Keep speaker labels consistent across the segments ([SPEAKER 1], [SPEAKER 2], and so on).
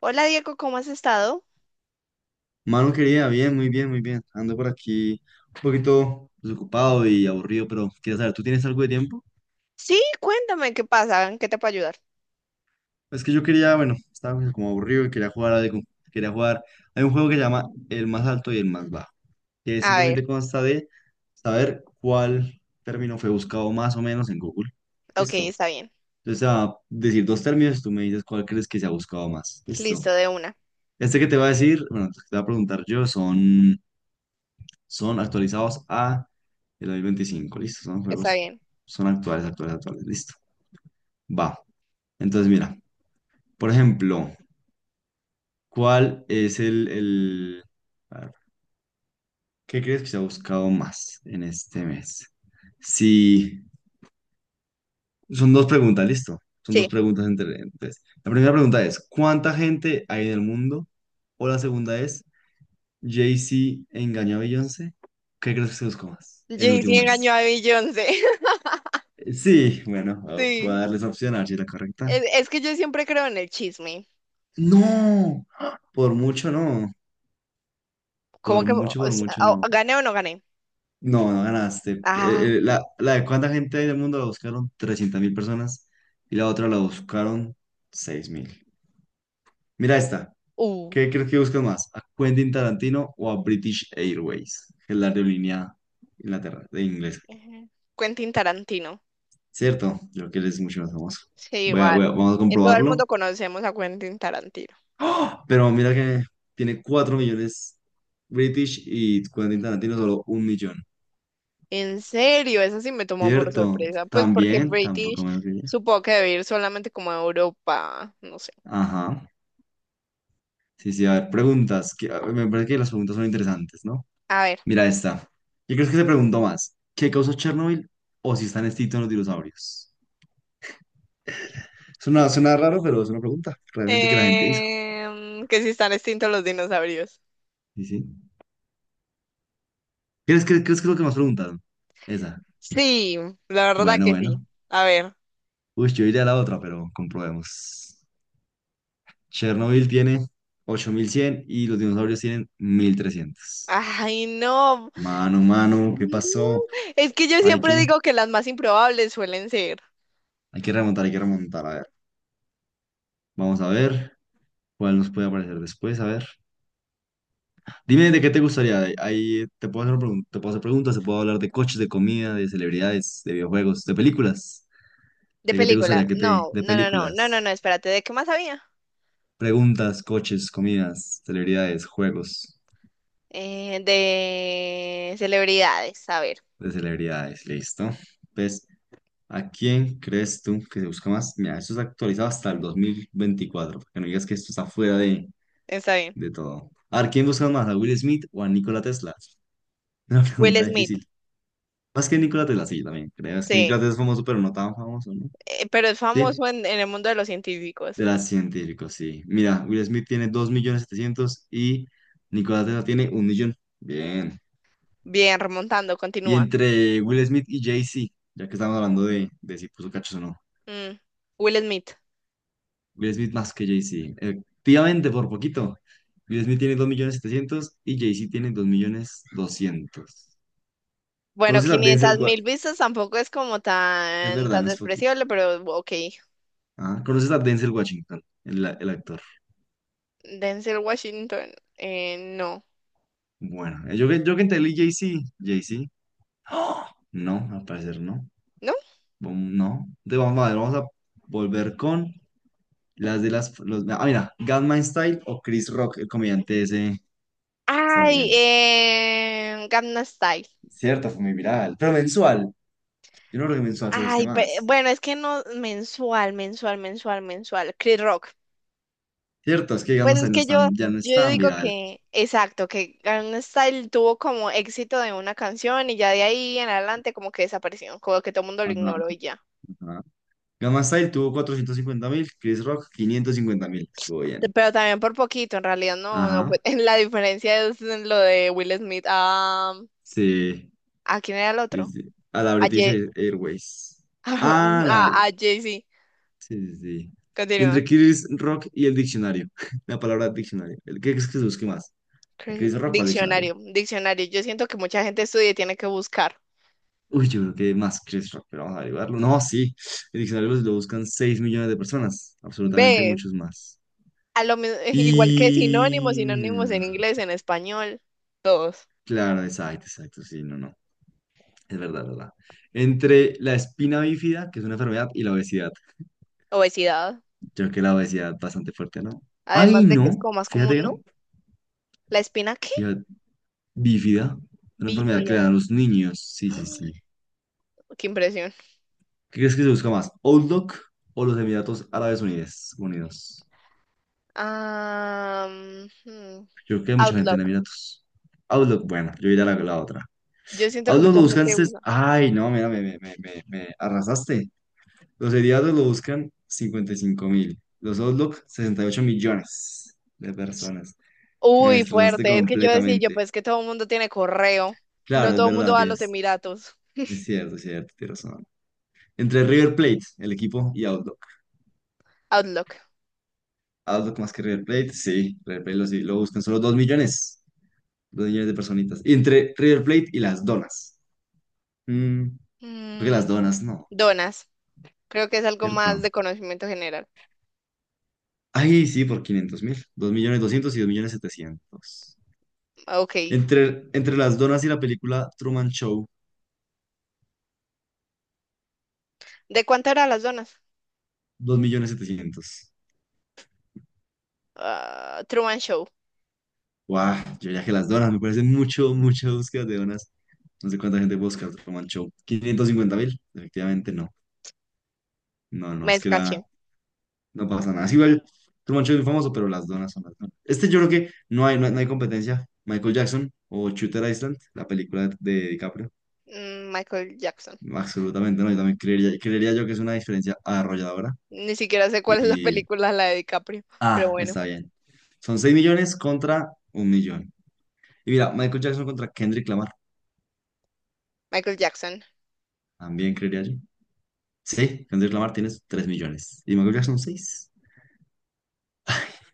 [SPEAKER 1] Hola Diego, ¿cómo has estado?
[SPEAKER 2] Mano querida, bien, muy bien, muy bien. Ando por aquí un poquito desocupado y aburrido, pero quería saber, ¿tú tienes algo de tiempo?
[SPEAKER 1] Sí, cuéntame qué pasa, en qué te puedo ayudar.
[SPEAKER 2] Es que yo quería, bueno, estaba pues como aburrido y quería jugar algo. Quería jugar. Hay un juego que se llama El más alto y el más bajo, que
[SPEAKER 1] A ver,
[SPEAKER 2] simplemente consta de saber cuál término fue buscado más o menos en Google.
[SPEAKER 1] ok,
[SPEAKER 2] Listo.
[SPEAKER 1] está bien.
[SPEAKER 2] Entonces te va a decir dos términos, tú me dices cuál crees que se ha buscado más. Listo.
[SPEAKER 1] Listo, de una.
[SPEAKER 2] Este que te va a decir, bueno, que te va a preguntar yo son actualizados a el 2025. Listo, son
[SPEAKER 1] Está
[SPEAKER 2] juegos,
[SPEAKER 1] bien.
[SPEAKER 2] son actuales, actuales, actuales. Listo. Va. Entonces, mira, por ejemplo, ¿cuál es el... A ver, ¿qué crees que se ha buscado más en este mes? Si son dos preguntas, listo. Son
[SPEAKER 1] Sí.
[SPEAKER 2] dos preguntas entre... Entonces, la primera pregunta es, ¿cuánta gente hay en el mundo? O la segunda es, ¿Jay-Z engañó a Beyoncé? ¿Qué crees que se buscó más en el
[SPEAKER 1] Jay-Z
[SPEAKER 2] último
[SPEAKER 1] engañó
[SPEAKER 2] mes?
[SPEAKER 1] a Beyoncé.
[SPEAKER 2] Sí, bueno, voy a
[SPEAKER 1] Sí.
[SPEAKER 2] darles opción a ver si es la correcta.
[SPEAKER 1] Es que yo siempre creo en el chisme.
[SPEAKER 2] No, por mucho no,
[SPEAKER 1] ¿Cómo que o
[SPEAKER 2] por
[SPEAKER 1] sea,
[SPEAKER 2] mucho
[SPEAKER 1] o-
[SPEAKER 2] no.
[SPEAKER 1] gané o no gané?
[SPEAKER 2] No, no ganaste.
[SPEAKER 1] Ah,
[SPEAKER 2] La de cuánta gente hay en el mundo la buscaron 300.000 personas y la otra la buscaron 6.000. Mira esta.
[SPEAKER 1] uh.
[SPEAKER 2] ¿Qué crees que buscan más? ¿A Quentin Tarantino o a British Airways? Que es la aerolínea Inglaterra, de inglés.
[SPEAKER 1] Ujú. Quentin Tarantino.
[SPEAKER 2] ¿Cierto? Yo creo que él es mucho más famoso.
[SPEAKER 1] Sí, igual.
[SPEAKER 2] Vamos a
[SPEAKER 1] En todo el
[SPEAKER 2] comprobarlo.
[SPEAKER 1] mundo conocemos a Quentin Tarantino.
[SPEAKER 2] ¡Ah! Pero mira que tiene 4 millones British y Quentin Tarantino solo un millón.
[SPEAKER 1] En serio, eso sí me tomó por
[SPEAKER 2] ¿Cierto?
[SPEAKER 1] sorpresa. Pues porque
[SPEAKER 2] También, tampoco
[SPEAKER 1] British
[SPEAKER 2] menos que ella.
[SPEAKER 1] supo que debe ir solamente como a Europa, no sé.
[SPEAKER 2] Ajá. Sí, sí, a ver, preguntas. Que, a ver, me parece que las preguntas son interesantes, ¿no?
[SPEAKER 1] A ver.
[SPEAKER 2] Mira esta. Yo creo que se preguntó más. ¿Qué causó Chernobyl o si están extintos los dinosaurios? Suena raro, pero es una pregunta realmente que la gente hizo.
[SPEAKER 1] Que si están extintos los dinosaurios.
[SPEAKER 2] Sí, sí. ¿Crees que es lo que más preguntaron? Esa.
[SPEAKER 1] Sí, la verdad
[SPEAKER 2] Bueno,
[SPEAKER 1] que sí.
[SPEAKER 2] bueno.
[SPEAKER 1] A ver.
[SPEAKER 2] Uy, yo iría a la otra, pero comprobemos. Chernobyl tiene 8.100 y los dinosaurios tienen 1.300.
[SPEAKER 1] Ay, no.
[SPEAKER 2] Mano, mano, ¿qué
[SPEAKER 1] No.
[SPEAKER 2] pasó?
[SPEAKER 1] Es que yo
[SPEAKER 2] Hay
[SPEAKER 1] siempre
[SPEAKER 2] que,
[SPEAKER 1] digo que las más improbables suelen ser.
[SPEAKER 2] hay que remontar, hay que remontar. A ver, vamos a ver cuál nos puede aparecer después. A ver, dime de qué te gustaría. Ahí te puedo hacer, te puedo hacer preguntas, te puedo hablar de coches, de comida, de celebridades, de videojuegos, de películas.
[SPEAKER 1] De
[SPEAKER 2] ¿De qué te
[SPEAKER 1] película.
[SPEAKER 2] gustaría
[SPEAKER 1] No,
[SPEAKER 2] de
[SPEAKER 1] no, no, no, no, no, no,
[SPEAKER 2] películas?
[SPEAKER 1] espérate. ¿De qué más había?
[SPEAKER 2] Preguntas, coches, comidas, celebridades, juegos
[SPEAKER 1] De celebridades. A ver.
[SPEAKER 2] de celebridades. Listo. Pues ¿a quién crees tú que se busca más? Mira, esto está actualizado hasta el 2024, para que no digas que esto está fuera de,
[SPEAKER 1] Está bien.
[SPEAKER 2] de todo. A ver, ¿quién busca más? ¿A Will Smith o a Nikola Tesla? Una
[SPEAKER 1] Will
[SPEAKER 2] pregunta
[SPEAKER 1] Smith.
[SPEAKER 2] difícil. Más que Nikola Tesla, sí, también creo. Es que
[SPEAKER 1] Sí.
[SPEAKER 2] Nikola Tesla es famoso, pero no tan famoso, ¿no?
[SPEAKER 1] Pero es
[SPEAKER 2] Sí,
[SPEAKER 1] famoso en el mundo de los científicos.
[SPEAKER 2] de las científicos, sí. Mira, Will Smith tiene dos millones setecientos y Nikola Tesla tiene un millón. Bien.
[SPEAKER 1] Bien, remontando,
[SPEAKER 2] Y
[SPEAKER 1] continúa.
[SPEAKER 2] entre Will Smith y Jay-Z, ya que estamos hablando de si puso cachos o no.
[SPEAKER 1] Mm, Will Smith.
[SPEAKER 2] Will Smith más que Jay-Z. Efectivamente, por poquito. Will Smith tiene dos millones setecientos y Jay-Z tiene dos millones doscientos.
[SPEAKER 1] Bueno,
[SPEAKER 2] ¿Conoces a Denzel
[SPEAKER 1] 500 mil
[SPEAKER 2] Washington?
[SPEAKER 1] vistas tampoco es como
[SPEAKER 2] Es
[SPEAKER 1] tan,
[SPEAKER 2] verdad,
[SPEAKER 1] tan
[SPEAKER 2] no es poquito.
[SPEAKER 1] despreciable, pero ok.
[SPEAKER 2] Ah, ¿conoces a Denzel Washington, el actor?
[SPEAKER 1] Denzel Washington, no,
[SPEAKER 2] Bueno, yo que entendí Jay-Z. Jay-Z. ¡Ah! No, al parecer no.
[SPEAKER 1] ¿no?
[SPEAKER 2] No. Entonces, vamos a ver, vamos a volver con las de las... Los, mira, Gangnam Style o Chris Rock, el comediante ese
[SPEAKER 1] Ay,
[SPEAKER 2] estadounidense.
[SPEAKER 1] Gangnam Style.
[SPEAKER 2] Cierto, fue muy viral, pero mensual. Yo no creo que mensual se busque
[SPEAKER 1] Ay, pe-
[SPEAKER 2] más.
[SPEAKER 1] bueno, es que no, mensual, mensual, mensual, mensual. Chris Rock.
[SPEAKER 2] Cierto, es que
[SPEAKER 1] Pues
[SPEAKER 2] Gangnam
[SPEAKER 1] es
[SPEAKER 2] Style no es
[SPEAKER 1] que yo,
[SPEAKER 2] ya no es
[SPEAKER 1] yo
[SPEAKER 2] tan
[SPEAKER 1] digo
[SPEAKER 2] viral.
[SPEAKER 1] que, exacto, que Gangnam Style tuvo como éxito de una canción y ya de ahí en adelante como que desapareció, como que todo el mundo lo
[SPEAKER 2] Ajá,
[SPEAKER 1] ignoró y ya.
[SPEAKER 2] ajá. Gangnam Style tuvo 450.000, Chris Rock 550.000. Estuvo bien.
[SPEAKER 1] Pero también por poquito, en realidad no, no fue.
[SPEAKER 2] Ajá,
[SPEAKER 1] La diferencia es en lo de Will Smith a...
[SPEAKER 2] sí,
[SPEAKER 1] ¿A quién era el
[SPEAKER 2] sí,
[SPEAKER 1] otro?
[SPEAKER 2] sí. A la
[SPEAKER 1] A
[SPEAKER 2] British
[SPEAKER 1] Jay...
[SPEAKER 2] Airways. Ah,
[SPEAKER 1] A,
[SPEAKER 2] la.
[SPEAKER 1] a Jay-Z.
[SPEAKER 2] Sí, sí, sí. Y
[SPEAKER 1] Continúa.
[SPEAKER 2] entre Chris Rock y el diccionario. La palabra diccionario. ¿El qué crees que se busque más? ¿A
[SPEAKER 1] Chris-
[SPEAKER 2] Chris Rock o al diccionario?
[SPEAKER 1] Diccionario, diccionario. Yo siento que mucha gente estudia y tiene que buscar.
[SPEAKER 2] Uy, yo creo que más Chris Rock, pero vamos a averiguarlo. No, sí. El diccionario lo buscan 6 millones de personas. Absolutamente
[SPEAKER 1] ¿Ves?
[SPEAKER 2] muchos más.
[SPEAKER 1] A lo mi-
[SPEAKER 2] Y.
[SPEAKER 1] igual que sinónimos, sinónimos en inglés, en español, todos.
[SPEAKER 2] Claro, exacto, exacto, sí, no, no, es verdad, verdad. Entre la espina bífida, que es una enfermedad, y la obesidad.
[SPEAKER 1] Obesidad.
[SPEAKER 2] Yo creo que la obesidad es bastante fuerte, ¿no? Ay,
[SPEAKER 1] Además de que es
[SPEAKER 2] no,
[SPEAKER 1] como más
[SPEAKER 2] fíjate
[SPEAKER 1] común,
[SPEAKER 2] que
[SPEAKER 1] ¿no?
[SPEAKER 2] no.
[SPEAKER 1] ¿La espina qué?
[SPEAKER 2] Fíjate, bífida, una enfermedad que le dan
[SPEAKER 1] Bífida.
[SPEAKER 2] a los niños, sí,
[SPEAKER 1] Ay,
[SPEAKER 2] sí, sí.
[SPEAKER 1] qué impresión.
[SPEAKER 2] ¿Qué crees que se busca más? ¿Outlook o los Emiratos Árabes Unidos? Unidos.
[SPEAKER 1] Ah,
[SPEAKER 2] Yo creo que hay mucha gente en
[SPEAKER 1] Outlook.
[SPEAKER 2] Emiratos. Outlook, bueno, yo iré a la otra.
[SPEAKER 1] Yo siento que
[SPEAKER 2] Outlook
[SPEAKER 1] mucha
[SPEAKER 2] lo buscan,
[SPEAKER 1] gente usa.
[SPEAKER 2] ay, no, mira, me arrasaste. Los seriados lo buscan 55 mil. Los Outlook, 68 millones de personas. Me
[SPEAKER 1] Uy,
[SPEAKER 2] destrozaste
[SPEAKER 1] fuerte. Es que yo decía, yo
[SPEAKER 2] completamente.
[SPEAKER 1] pues que todo el mundo tiene correo. No
[SPEAKER 2] Claro, es
[SPEAKER 1] todo el mundo
[SPEAKER 2] verdad,
[SPEAKER 1] va a los
[SPEAKER 2] tienes.
[SPEAKER 1] Emiratos.
[SPEAKER 2] Es cierto, tienes razón. Entre River Plate, el equipo, y Outlook.
[SPEAKER 1] Outlook.
[SPEAKER 2] Outlook más que River Plate, sí. River Plate lo, sí, lo buscan solo 2 millones. Dos millones de personitas. Y entre River Plate y las donas. Mm, creo que las
[SPEAKER 1] Mm,
[SPEAKER 2] donas, no.
[SPEAKER 1] donas. Creo que es algo más
[SPEAKER 2] ¿Cierto?
[SPEAKER 1] de conocimiento general.
[SPEAKER 2] Ahí sí, por 500 mil. Dos millones 200 y 2 millones 700.
[SPEAKER 1] Ok.
[SPEAKER 2] Entre las donas y la película Truman Show,
[SPEAKER 1] ¿De cuánto eran las donas?
[SPEAKER 2] 2 millones setecientos.
[SPEAKER 1] Ah, Truman Show.
[SPEAKER 2] Guau, yo ya que las donas, me parece mucha búsqueda de donas. No sé cuánta gente busca Truman Show. 550.000, efectivamente no. No, no,
[SPEAKER 1] Me
[SPEAKER 2] es que era,
[SPEAKER 1] escaché.
[SPEAKER 2] no pasa nada. Es igual, Truman Show es muy famoso, pero las donas son las donas. Yo creo que no hay competencia. Michael Jackson o Shooter Island, la película de DiCaprio.
[SPEAKER 1] Mm, Michael Jackson.
[SPEAKER 2] Absolutamente no, yo también creería yo que es una diferencia arrolladora.
[SPEAKER 1] Ni siquiera sé cuál es la
[SPEAKER 2] Y,
[SPEAKER 1] película, la de DiCaprio. Pero bueno,
[SPEAKER 2] está bien. Son 6 millones contra un millón. Y mira, Michael Jackson contra Kendrick Lamar.
[SPEAKER 1] Michael Jackson.
[SPEAKER 2] También creería yo. Sí, Kendrick Lamar tienes 3 millones. Y Michael Jackson 6.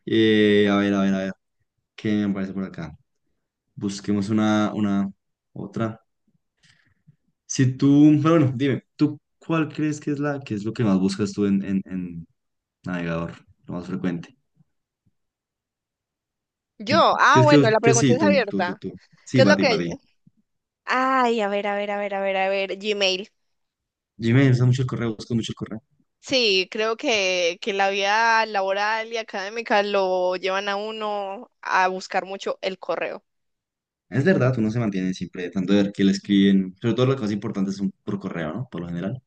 [SPEAKER 2] A ver, a ver, a ver. ¿Qué me parece por acá? Busquemos otra. Si tú, pero bueno, dime, ¿tú cuál crees que es la, que es lo que más buscas tú en, en navegador? Lo más frecuente. ¿Tú
[SPEAKER 1] Yo. Ah,
[SPEAKER 2] ¿Crees que,
[SPEAKER 1] bueno, la
[SPEAKER 2] que
[SPEAKER 1] pregunta
[SPEAKER 2] sí,
[SPEAKER 1] es
[SPEAKER 2] tú, tú, tú,
[SPEAKER 1] abierta.
[SPEAKER 2] tú? Sí,
[SPEAKER 1] ¿Qué es
[SPEAKER 2] para
[SPEAKER 1] lo
[SPEAKER 2] ti,
[SPEAKER 1] que...
[SPEAKER 2] para ti.
[SPEAKER 1] Ay, a ver, a ver, a ver, a ver, a ver. Gmail.
[SPEAKER 2] Gmail usa mucho el correo, busca mucho el correo.
[SPEAKER 1] Sí, creo que la vida laboral y académica lo llevan a uno a buscar mucho el correo.
[SPEAKER 2] Es verdad, uno se mantiene siempre tanto de ver que le escriben, sobre todo las cosas importantes son por correo, ¿no? Por lo general,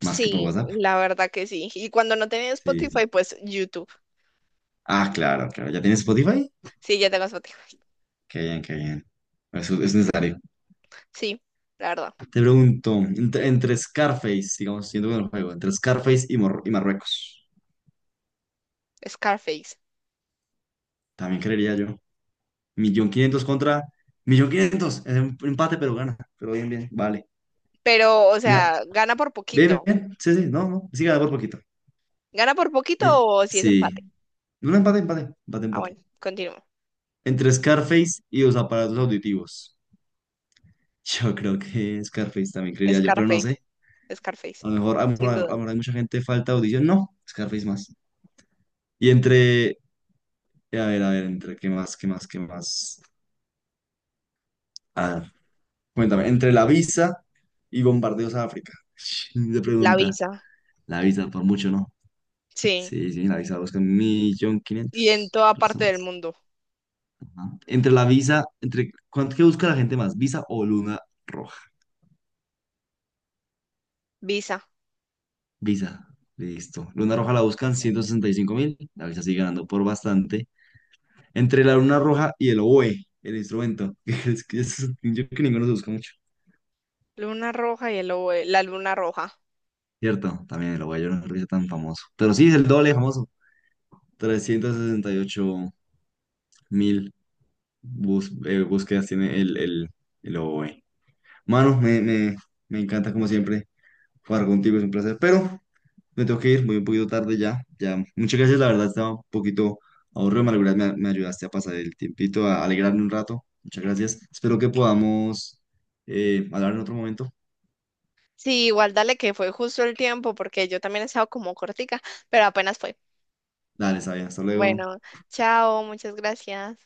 [SPEAKER 2] más que por
[SPEAKER 1] Sí,
[SPEAKER 2] WhatsApp.
[SPEAKER 1] la verdad que sí. Y cuando no tenía
[SPEAKER 2] Sí.
[SPEAKER 1] Spotify, pues YouTube.
[SPEAKER 2] Claro, claro. ¿Ya tienes Spotify?
[SPEAKER 1] Sí, ya tengo Spotify.
[SPEAKER 2] Qué bien, qué bien. Es necesario.
[SPEAKER 1] Sí, la verdad.
[SPEAKER 2] Te pregunto, entre Scarface, digamos, siendo con el juego, entre Scarface y, y Marruecos,
[SPEAKER 1] Scarface.
[SPEAKER 2] también creería yo. Millón quinientos contra millón quinientos. Es un empate, pero gana. Pero bien, bien, vale.
[SPEAKER 1] Pero, o
[SPEAKER 2] Mira,
[SPEAKER 1] sea, gana por
[SPEAKER 2] bien, bien,
[SPEAKER 1] poquito.
[SPEAKER 2] bien. Sí, sí, no, no. Siga por poquito.
[SPEAKER 1] ¿Gana por poquito
[SPEAKER 2] Eh,
[SPEAKER 1] o si es
[SPEAKER 2] sí.
[SPEAKER 1] empate?
[SPEAKER 2] Un empate, empate, empate,
[SPEAKER 1] Ah, bueno,
[SPEAKER 2] empate.
[SPEAKER 1] continúo.
[SPEAKER 2] Entre Scarface y los aparatos auditivos. Yo creo que Scarface también creería yo, pero no
[SPEAKER 1] Scarface,
[SPEAKER 2] sé.
[SPEAKER 1] Scarface,
[SPEAKER 2] A lo mejor,
[SPEAKER 1] sin
[SPEAKER 2] a lo
[SPEAKER 1] duda.
[SPEAKER 2] mejor hay mucha gente falta de audición. No, Scarface más. Y entre, a ver, entre qué más, qué más, qué más. A ver, cuéntame, entre la visa y bombardeos a África. Se
[SPEAKER 1] La
[SPEAKER 2] pregunta,
[SPEAKER 1] Visa,
[SPEAKER 2] la visa por mucho, ¿no?
[SPEAKER 1] sí.
[SPEAKER 2] Sí, sí, la visa busca un millón
[SPEAKER 1] Y en
[SPEAKER 2] quinientos
[SPEAKER 1] toda parte del
[SPEAKER 2] personas.
[SPEAKER 1] mundo.
[SPEAKER 2] Ajá. Entre la visa, ¿cuánto que busca la gente más? ¿Visa o luna roja?
[SPEAKER 1] Visa.
[SPEAKER 2] Visa, listo. Luna roja la buscan 165.000, la visa sigue ganando por bastante. Entre la luna roja y el oboe, el instrumento. Es que
[SPEAKER 1] Mm.
[SPEAKER 2] yo creo que ninguno se busca mucho.
[SPEAKER 1] Luna roja y el lobo, de- la luna roja.
[SPEAKER 2] Cierto, también el oboe, yo no creo que sea tan famoso. Pero sí, es el doble de famoso. 368.000 búsquedas tiene el oboe. Mano, me encanta como siempre jugar contigo, es un placer. Pero me tengo que ir, voy un poquito tarde ya. Ya, muchas gracias, la verdad estaba un poquito aburrido, me ayudaste a pasar el tiempito, a alegrarme un rato. Muchas gracias. Espero que podamos hablar en otro momento.
[SPEAKER 1] Sí, igual dale que fue justo el tiempo porque yo también he estado como cortica, pero apenas fue.
[SPEAKER 2] Dale, Sabina, hasta luego.
[SPEAKER 1] Bueno, chao, muchas gracias.